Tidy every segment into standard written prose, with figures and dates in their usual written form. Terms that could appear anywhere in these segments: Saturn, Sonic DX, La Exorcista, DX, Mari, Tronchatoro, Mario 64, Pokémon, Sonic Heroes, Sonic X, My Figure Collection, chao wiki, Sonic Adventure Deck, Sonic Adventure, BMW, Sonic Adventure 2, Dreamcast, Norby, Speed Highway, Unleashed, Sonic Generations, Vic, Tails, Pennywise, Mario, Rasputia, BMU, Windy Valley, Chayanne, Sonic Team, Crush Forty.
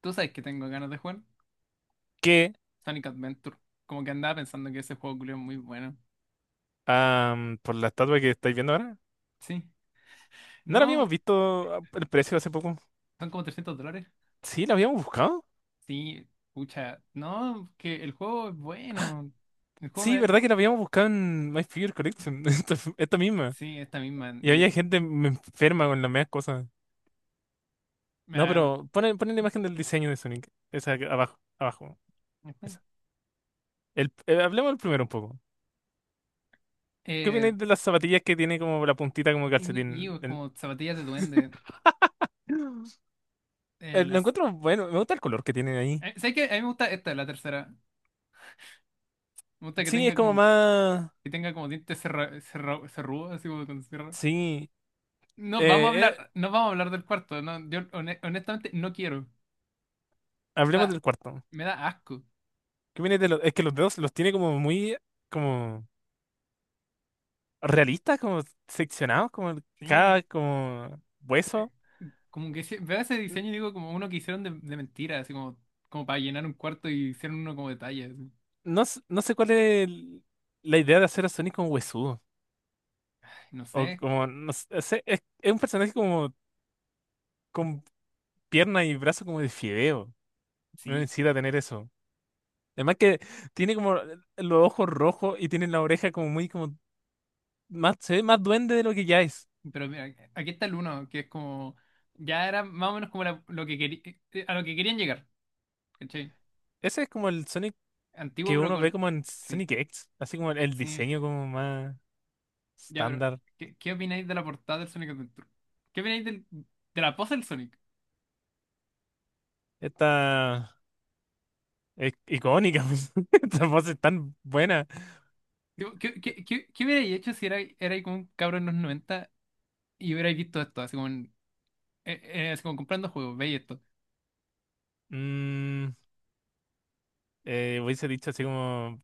Tú sabes que tengo ganas de jugar que Sonic Adventure. Como que andaba pensando que ese juego culiao es muy bueno. Por la estatua que estáis viendo ahora, Sí. ¿no la habíamos No, visto el precio hace poco? son como $300. Sí, la habíamos buscado. Sí, pucha. No, que el juego es bueno. El juego Sí, me... verdad que la habíamos buscado en My Figure Collection, esta misma. Sí, esta misma. Y había gente enferma con las mismas cosas. No, me pero ponen la imagen del diseño de Sonic. Abajo, abajo. Esa. Hablemos del primero un poco. ¿Qué eh, opináis de las zapatillas que tiene como la puntita como y calcetín? es El- como zapatillas de duende. Eh, lo las... encuentro bueno, me gusta el color que tiene ahí. ¿Sabes qué? A mí me gusta esta, la tercera. Me gusta que Sí, es tenga como como, más... que tenga como dientes cerrudos, así como con sierra. Sí. No, Eh, eh, no vamos a hablar del cuarto. No, yo honestamente no quiero. Hablemos Ah, del cuarto. me da asco. ¿Qué viene de es que los dedos los tiene como muy como realistas, como seccionados, como Sí, cada como hueso. como que veo ese N- diseño y digo como uno que hicieron de mentira, así como, como para llenar un cuarto y hicieron uno como detalle, así. No, no sé cuál es la idea de hacer a Sonic como huesudo. No sé, O como, no sé, es un personaje como con pierna y brazo como de fideo. No sí. necesita tener eso. Además que tiene como los ojos rojos y tiene la oreja como muy como más, se ve más duende de lo que ya es. Pero mira, aquí está el uno, que es como, ya era más o menos como lo que quería, a lo que querían llegar, ¿cachai? Ese es como el Sonic Antiguo que pero uno con, ve como en sí, Sonic X, así como el sí. diseño como más. Ya, pero, Estándar. ¿qué opináis de la portada del Sonic Adventure? ¿Qué opináis de la pose del Sonic? Esta es icónica. Pues. Esta voz es tan buena. Tipo, ¿qué hubierais hecho si erais como un cabrón en los 90 y hubierais visto esto, así como en Eh, así como comprando juegos, veis esto. Mm, hubiese dicho así como,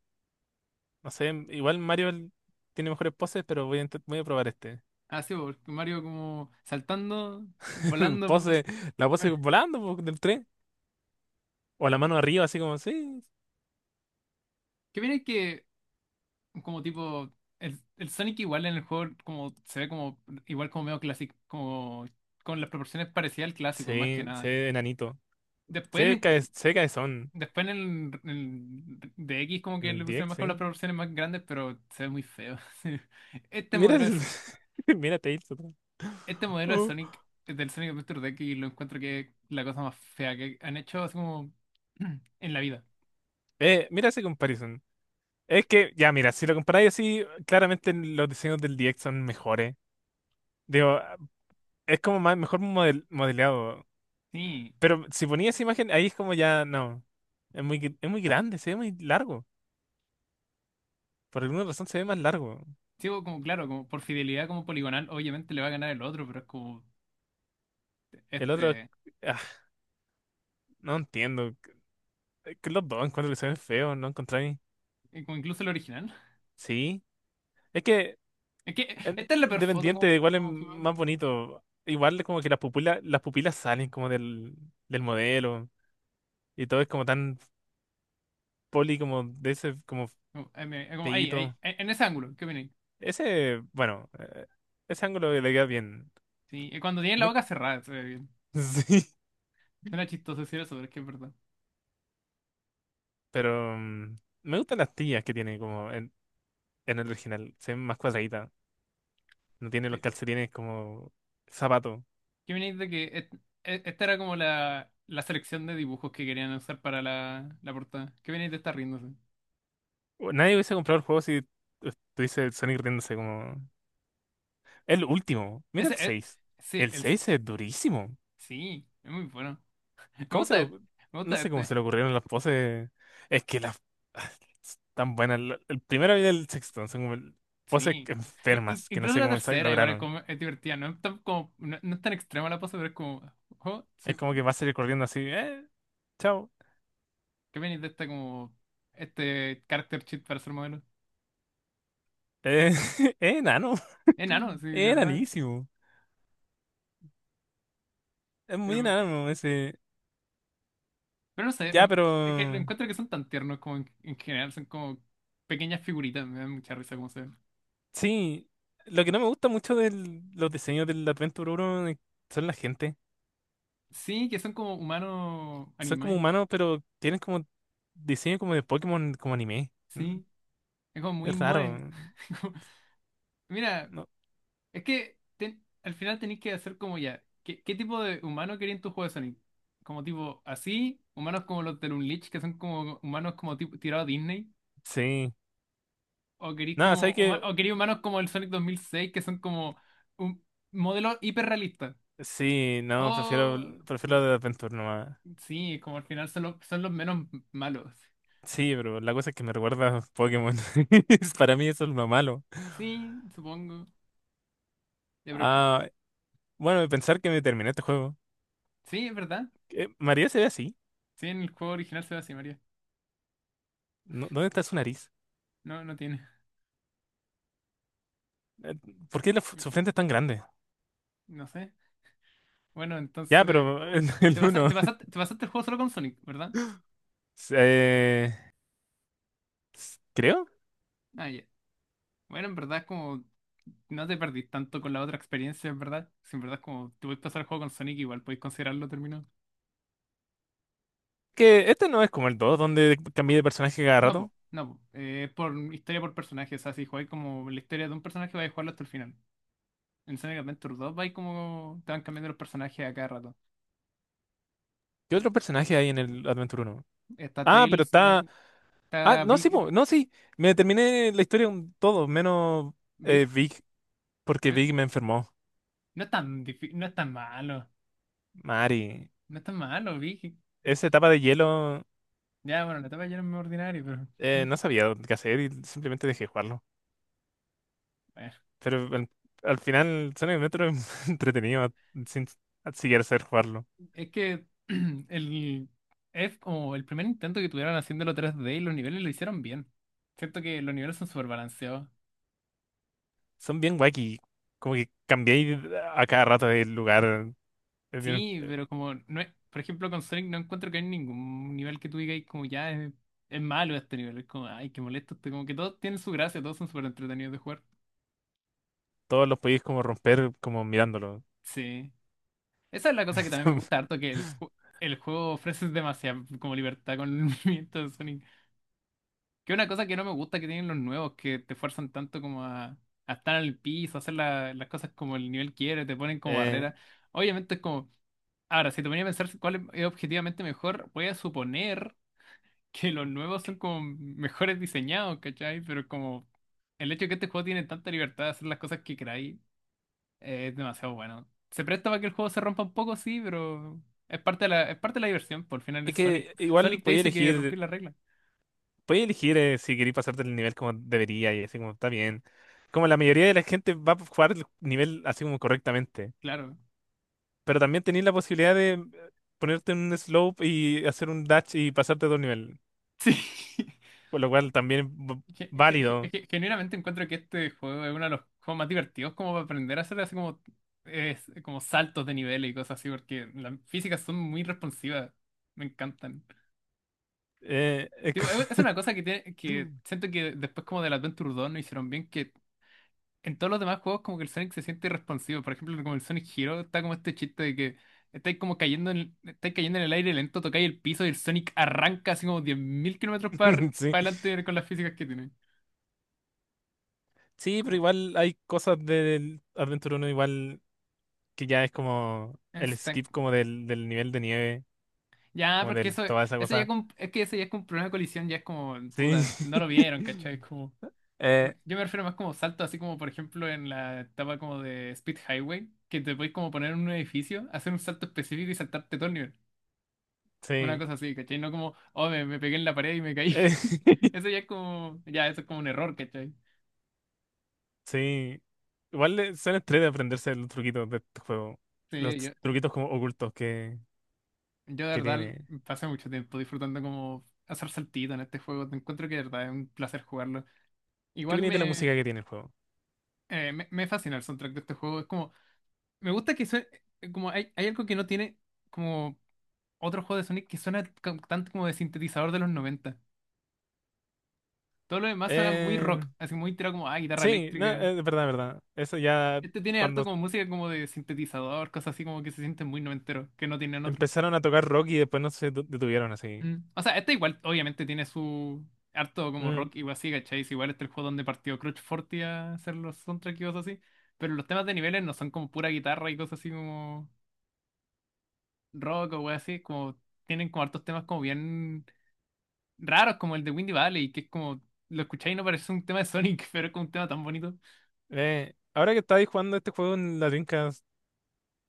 no sé, igual Mario tiene mejores poses, pero voy a probar este. Así, porque Mario como saltando, volando, po. Pose, la pose Mar- volando po, del tren. O la mano arriba, así como, sí. ¿Qué viene que como tipo el, Sonic igual en el juego como se ve como igual como medio clásico, como con las proporciones parecidas al clásico, más que Sí, nada. sé enanito. Después, Sé que sé cabezón después en el D X como en que el le pusieron DX, más con las sí. proporciones más grandes, pero se ve muy feo. Sí. Este Mira modelo el- es, Mira Tails otra vez. Este modelo de Oh. Sonic, del Sonic Adventure Deck, y lo encuentro que es la cosa más fea que han hecho así como en la vida. Mira esa comparison. Es que, ya, mira, si lo comparáis así, claramente los diseños del DX son mejores. Digo, es como más, modelado. Sí, Pero si ponía esa imagen, ahí es como ya, no. Es muy, es muy grande, se ve muy largo. Por alguna razón se ve más largo. sí, como claro, como por fidelidad como poligonal, obviamente le va a ganar el otro, pero es como El otro, este, ah, no entiendo. Es que los dos encuentro que se ven feos, ¿no encontráis? Como incluso el original. Sí. Es que, Es que esta es la peor foto Dependiente, como, igual es más bonito. Igual es como que las pupilas salen como del, del modelo. Y todo es como tan poli, como de ese, como como ahí, feíto. En ese ángulo, ¿qué opináis? Ese, ese ángulo le queda bien. Sí, cuando tienen la Muy boca cerrada, se ve bien. sí, Suena chistoso decir eso, pero es que es verdad. pero me gustan las tías que tiene como en el original. Se ven más cuadraditas. No tiene los calcetines como zapato. Que venís de esta era como la, selección de dibujos que querían usar para la, la portada. Que venís de estar riéndose. Nadie hubiese comprado el juego si estuviese el Sonic riéndose como... El último. Mira Ese el es. seis. Sí, El 6 es durísimo. sí, es muy bueno. Me ¿Cómo se gusta este. lo... Me No gusta sé cómo se este. le ocurrieron las poses. Es que las... Tan buenas. El primero y el sexto son como poses Sí. I- i- enfermas que no incluso sé la cómo tercera, igual es, lograron. como, es divertida. No es tan, como, no es tan extrema la pose, pero es como. Oh, soy Es como ju- que va a salir corriendo así. Chao. que venís de esta como. Este character sheet para ser modelo. Eh, enano. Enano, sí, de Es verdad. enanísimo. Es muy enano ese. Pero no sé, Ya, lo, pero es que lo encuentro que son tan tiernos como en general, son como pequeñas figuritas, me dan mucha risa cómo se ven. sí. Lo que no me gusta mucho de los diseños del Adventure 1 es- son la gente. Sí, que son como humanos Son como anime, humanos, pero tienen como diseño como de Pokémon, como anime. Sí, es como muy Es raro. moe. Como- Mira, No, es que al final tenéis que hacer como ya, ¿qué tipo de humano quería en tu juego de Sonic? Como tipo así, humanos como los de Unleashed, que son como humanos como tipo tirado a Disney, sí. No, ¿sabes qué? O queréis humanos como el Sonic 2006 que son como un modelo hiperrealista. Sí, O no, prefiero lo de Adventure nomás. Sí, como al final son, son los menos malos. Sí, pero la cosa es que me recuerda a Pokémon. Para mí eso es lo malo. Sí, supongo. Ya, pero que... Ah, bueno, pensar que me terminé este juego. Sí, es verdad. ¿Qué? ¿María se ve así? Sí, en el juego original se ve así, María. ¿No- ¿Dónde está su nariz? No, no tiene. Eh, ¿Por qué su frente es tan grande? No sé. Bueno, Ya, entonces... pero el, el Te pasa- uno. te pasaste, te pasaste el juego solo con Sonic, ¿verdad? Eh, Creo Ah, ya. Bueno, en verdad como... No te perdís tanto con la otra experiencia, en verdad. Si en verdad como... Te puedes pasar el juego con Sonic, igual podéis considerarlo terminado. que este no es como el 2, donde cambié de personaje cada No, rato. po. No, po. Por historia por personaje. O sea, si jugáis como la historia de un personaje, vais a jugarlo hasta el final. En Sonic Adventure 2 vais como. Te van cambiando los personajes a cada rato. ¿Qué otro personaje hay en el Adventure Uno? Está Ah, pero Tails, ¿no? está. Ah, Está no, sí, Big. po, no, sí. Me terminé la historia un todo, menos Big. Vic, porque eh, Vic me enfermó. No es tan malo. Mari, No es tan malo, Big. esa etapa de hielo Ya, bueno, la etapa ya no es muy ordinaria, pero. mm, no sabía qué hacer y simplemente dejé jugarlo. bueno. Pero al final, Sonic Adventure es entretenido sin siquiera saber jugarlo. Es que el. Es como el primer intento que tuvieron haciéndolo 3D y los niveles lo hicieron bien. Siento que los niveles son súper balanceados. Son bien wacky. Como que cambiáis a cada rato de lugar. Es bien- Sí, pero como no es, por ejemplo, con Sonic no encuentro que hay ningún nivel que tú digas como ya es malo este nivel, es como, ay, qué molesto este, como que todos tienen su gracia, todos son súper entretenidos de jugar. todos los podéis como romper como mirándolo. Sí. Esa es la cosa que también me gusta harto, que el, el juego ofrece demasiada como libertad con el movimiento de Sonic. Que es una cosa que no me gusta que tienen los nuevos, que te fuerzan tanto como a estar al piso, a hacer las cosas como el nivel quiere, te ponen como Eh, barrera. Obviamente es como, ahora, si te ponía a pensar cuál es objetivamente mejor, voy a suponer que los nuevos son como mejores diseñados, ¿cachai? Pero como el hecho de que este juego tiene tanta libertad de hacer las cosas que queráis, es demasiado bueno. Se presta para que el juego se rompa un poco, sí, pero es parte de la, es parte de la diversión, por el final es es Sonic. que Sonic te dice que rompí la regla. podía elegir si queréis pasarte el nivel como debería y así como está bien. Como la mayoría de la gente va a jugar el nivel así como correctamente. Claro. Pero también tenéis la posibilidad de ponerte en un slope y hacer un dash y pasarte a otro nivel. Sí. Por lo cual también es válido. Genuinamente encuentro que este juego es uno de los juegos más divertidos como para aprender a hacer así como, es, como saltos de nivel y cosas así, porque las físicas son muy responsivas. Me encantan. Eh, es Tipo, es co- una cosa que, tiene, que siento que después como del Adventure 2 no hicieron bien, que en todos los demás juegos como que el Sonic se siente irresponsivo. Por ejemplo, como el Sonic Hero está como este chiste de que estáis cayendo en el aire lento, tocáis el piso y el Sonic arranca así como 10.000 kilómetros para sí. adelante con las físicas que tiene. Sí, pero Como, igual hay cosas del Adventure Uno igual que ya es como el es tan- skip como del, del nivel de nieve, Ya, como pero es que del eso, toda esa eso ya cosa. como- es que ese ya es como un problema de colisión, ya es como, Sí. puta, no lo vieron, ¿cachai? Como... Eh, Yo me refiero más como salto, así como por ejemplo en la etapa como de Speed Highway, que te puedes como poner en un edificio, hacer un salto específico y saltarte todo el nivel. Una sí. cosa así, ¿cachai? No como, oh, me pegué en la pared y me caí. Eh, Eso ya es como, ya, eso es como un error, ¿cachai? sí. Igual son estrés de aprenderse los truquitos de este juego. Los Sí, yo, truquitos como ocultos yo de que verdad tiene. pasé mucho tiempo disfrutando como hacer saltito en este juego. Te encuentro que de verdad es un placer jugarlo. ¿Qué Igual viene de la música me, que tiene el juego? Me fascina el soundtrack de este juego. Es como, me gusta que sue- como hay algo que no tiene como otros juegos de Sonic que suenan tanto como de sintetizador de los 90. Todo lo demás suena muy rock, Eh, así muy tirado como, ah, guitarra sí, no, eléctrica. es verdad, es verdad. Eso ya Este tiene harto cuando como música como de sintetizador, cosas así como que se sienten muy noventeros, que no tienen otro. empezaron a tocar rock y después no se detu- detuvieron así. Mm. O sea, este igual obviamente tiene su harto como Mm. rock igual así, ¿cachai? Es Igual este es el juego donde partió Crush Forty a hacer los soundtracks y cosas así. Pero los temas de niveles no son como pura guitarra y cosas así como rock o wey así, como tienen como hartos temas como bien raros como el de Windy Valley, que es como, lo escucháis y no parece un tema de Sonic, pero es como un tema tan bonito. Ahora que estáis jugando este juego en la Dreamcast,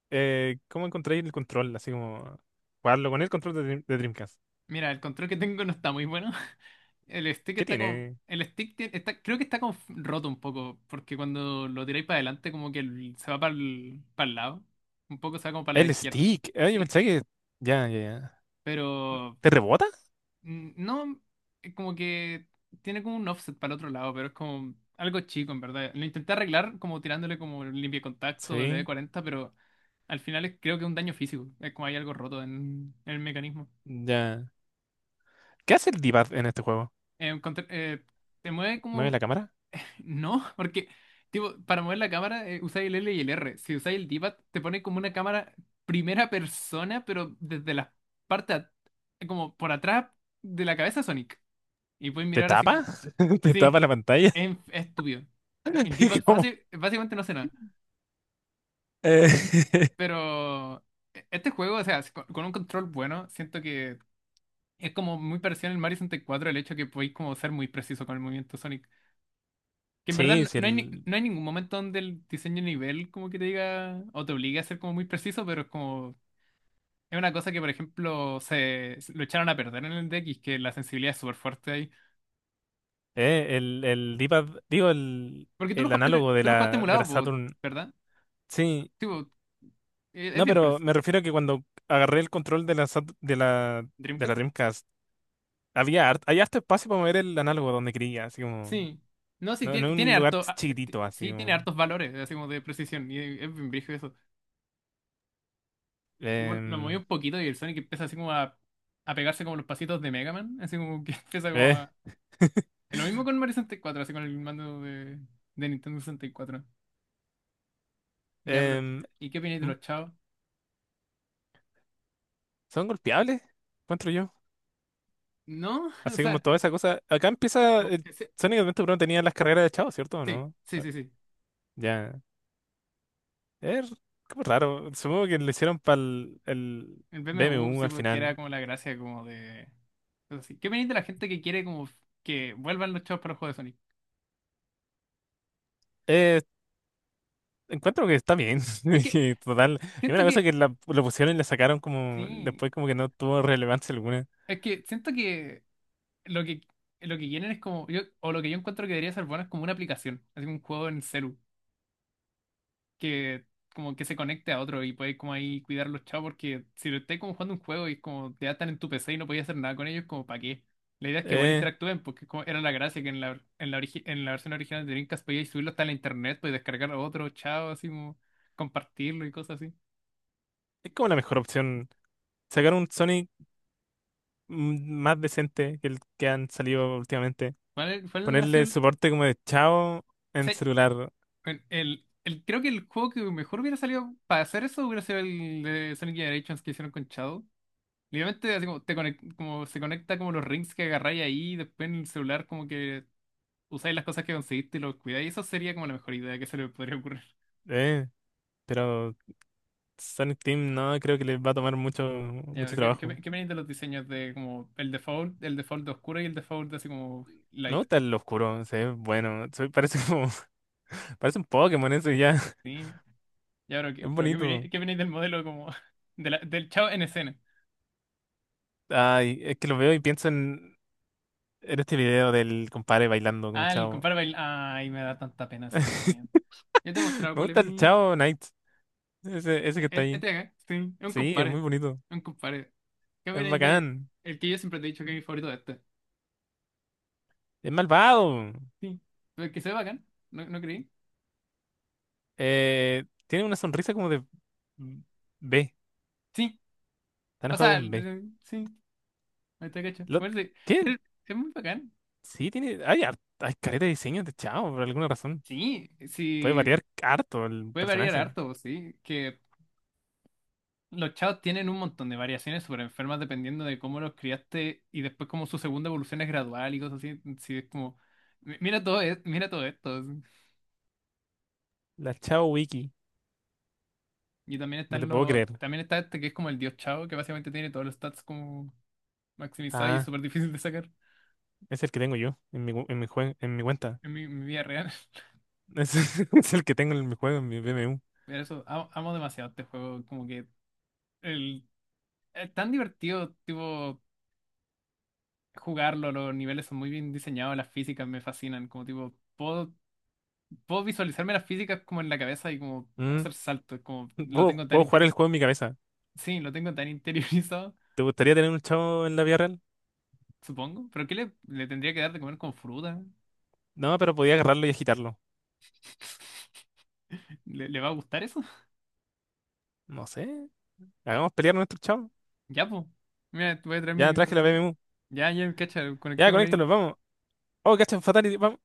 ¿cómo encontráis el control? Así como jugarlo con el control de, de Dreamcast. Mira, el control que tengo no está muy bueno. El stick ¿Qué está como, tiene? Está, creo que está como roto un poco, porque cuando lo tiráis para adelante como que se va para el lado, un poco se va como para la El izquierda. stick. Ah, yo Sí, pensé que. Ya. pero ¿Te rebota? No, como que tiene como un offset para el otro lado, pero es como algo chico en verdad. Lo intenté arreglar como tirándole como limpia contacto, w Sí, cuarenta pero al final creo que es un daño físico. Es como hay algo roto en el mecanismo. ya. ¿Qué hace el d en este juego? Eh, contra- eh, Te mueve ¿Mueve como... la cámara? No, porque tipo, para mover la cámara usáis el L y el R. Si usáis el D-pad te pone como una cámara primera persona, pero desde la parte at- como por atrás de la cabeza de Sonic. Y puedes ¿Te mirar así. tapa? ¿Te tapa Sí, la pantalla? Es estúpido. El d ¿Cómo? fácil, básicamente no hace nada. Eh, Pero este juego, o sea, si con, con un control bueno, siento que es como muy parecido al Mario 64 el hecho que podéis como ser muy preciso con el movimiento Sonic. Que en verdad Sí, sí, el, no hay ningún momento donde el diseño de nivel como que te diga o te obligue a ser como muy preciso, pero es como. Es una cosa que, por ejemplo, se lo echaron a perder en el D X, que la sensibilidad es súper fuerte ahí. El d digo, Porque tú lo el jugaste, análogo de tú lo jugaste de la emulado, po, Saturn. ¿verdad? Sí, Tipo, es no, bien pero preciso. me refiero a que cuando agarré el control de la, Sat- de la Dreamcast, había hay harto espacio para mover el análogo donde quería, así como. Sí. No, sí, No, no en un tiene lugar harto. Chiquitito, así Sí, tiene como. hartos valores, así como de precisión. Y es bien brígido eso. Tipo, lo moví em, un poquito y el Sonic empieza a pegarse como los pasitos de Mega Man. Así como que empieza como eh, a. Lo mismo con Mario sesenta y cuatro, así con el mando de Nintendo sesenta y cuatro. Ya, pero. em, ¿Y qué opináis de ¿mm? los chavos? ¿Son golpeables? Encuentro yo. No, o Así como sea. toda esa cosa. Acá empieza. No, El ese- Sonic Adventure 1 tenía las carreras de Chao, ¿cierto o Sí, no? sí, sí, sí. Ya. Es como raro. Supongo que lo hicieron para el El BMU, BMW sí, al porque era final. como la gracia como de. Cosas así. ¿Qué opináis de la gente que quiere como que vuelvan los chavos para los juegos de Sonic? Encuentro que está bien. Es que y total. Y una siento que. cosa que la, lo pusieron y la sacaron como. Sí. Después, como que no tuvo relevancia alguna. Es que siento que lo que lo que quieren es como yo, o lo que yo encuentro que debería ser bueno es como una aplicación, así como un juego en celu que como que se conecte a otro y puedes como ahí cuidar los chavos, porque si lo estáis como jugando un juego y es como te atan en tu PC y no podías hacer nada con ellos, como para qué. La idea es que igual Eh, interactúen, porque como era la gracia, que en la versión original de Dreamcast podías subirlo hasta la internet, podías descargar a otro chavo, así como compartirlo y cosas así. es como la mejor opción. Sacar un Sonic más decente que el que han salido últimamente. ¿Cuál ha sido Ponerle soporte como de Chao en sí, celular. bueno, creo que el juego que mejor hubiera salido para hacer eso hubiera sido el de Sonic Generations que hicieron con Shadow. Literalmente, así como, como se conecta como los rings que agarráis ahí, y después en el celular como que usáis las cosas que conseguiste y los cuidáis. Eso sería como la mejor idea que se le podría ocurrir. Eh, pero Sonic Team no creo que les va a tomar Ya, mucho pero trabajo. ¿Qué me dices de los diseños de como el default de oscuro y el default de así como Me light? gusta el oscuro, se ve bueno. Parece como, parece un Pokémon eso y ya. ¿Sí? Ya, pero Es bonito. ¿Qué me dices del modelo como del Chao en escena? Ay, es que lo veo y pienso en este video del compadre bailando como Ah, chavo. Ay, me da tanta pena ese video. Ya te he mostrado Me cuál es gusta el mi, chavo Knight. Ese que está este ahí. de acá, sí, es un Sí, es compadre. muy bonito. Es un compadre. ¿Qué Es opináis de bacán. el que yo siempre te he dicho que es mi favorito de este? Es malvado. Sí. Pero el que se ve bacán, ¿no, no creí? Tiene una sonrisa como de B. Sí. Está O enojado sea, con B. Sí, ahí está cacho. Lo, Bueno, sí. tiene- Tiene- Es muy bacán. sí, tiene. Hay, hay careta de diseños de chao por alguna razón. Sí, Puede sí, variar harto el puede variar personaje. harto, sí. Que los chavos tienen un montón de variaciones súper enfermas dependiendo de cómo los criaste, y después como su segunda evolución es gradual y cosas así. Sí, es como, mira todo esto. Sí". La chao wiki. Y también No están te puedo los, creer. también está este que es como el dios Chao, que básicamente tiene todos los stats como maximizados y es Ah, súper difícil de sacar es el que tengo yo en mi, gu- en mi, jue- en mi cuenta. en mi, mi vida real. Es el que tengo en mi juego, en mi BMU. Pero eso, amo demasiado este juego, como que el, es tan divertido, tipo, jugarlo, los niveles son muy bien diseñados, las físicas me fascinan, como tipo, puedo visualizarme las físicas como en la cabeza y como hacer saltos, como lo tengo tan Puedo jugar el juego en mi cabeza. sí, lo tengo tan interiorizado, ¿Te gustaría tener un chavo en la vida real? supongo. Pero ¿le tendría que dar de comer con fruta? No, pero podía agarrarlo y agitarlo. ¿Le, le va a gustar eso? No sé. Hagamos pelear a nuestro chavo. Ya, pues. Mira, te voy a traer Ya mi. traje la BMU. Ya, Cacha, Ya, conectémosla ahí. conéctalo, vamos. Oh, cacha, fatality, vamos.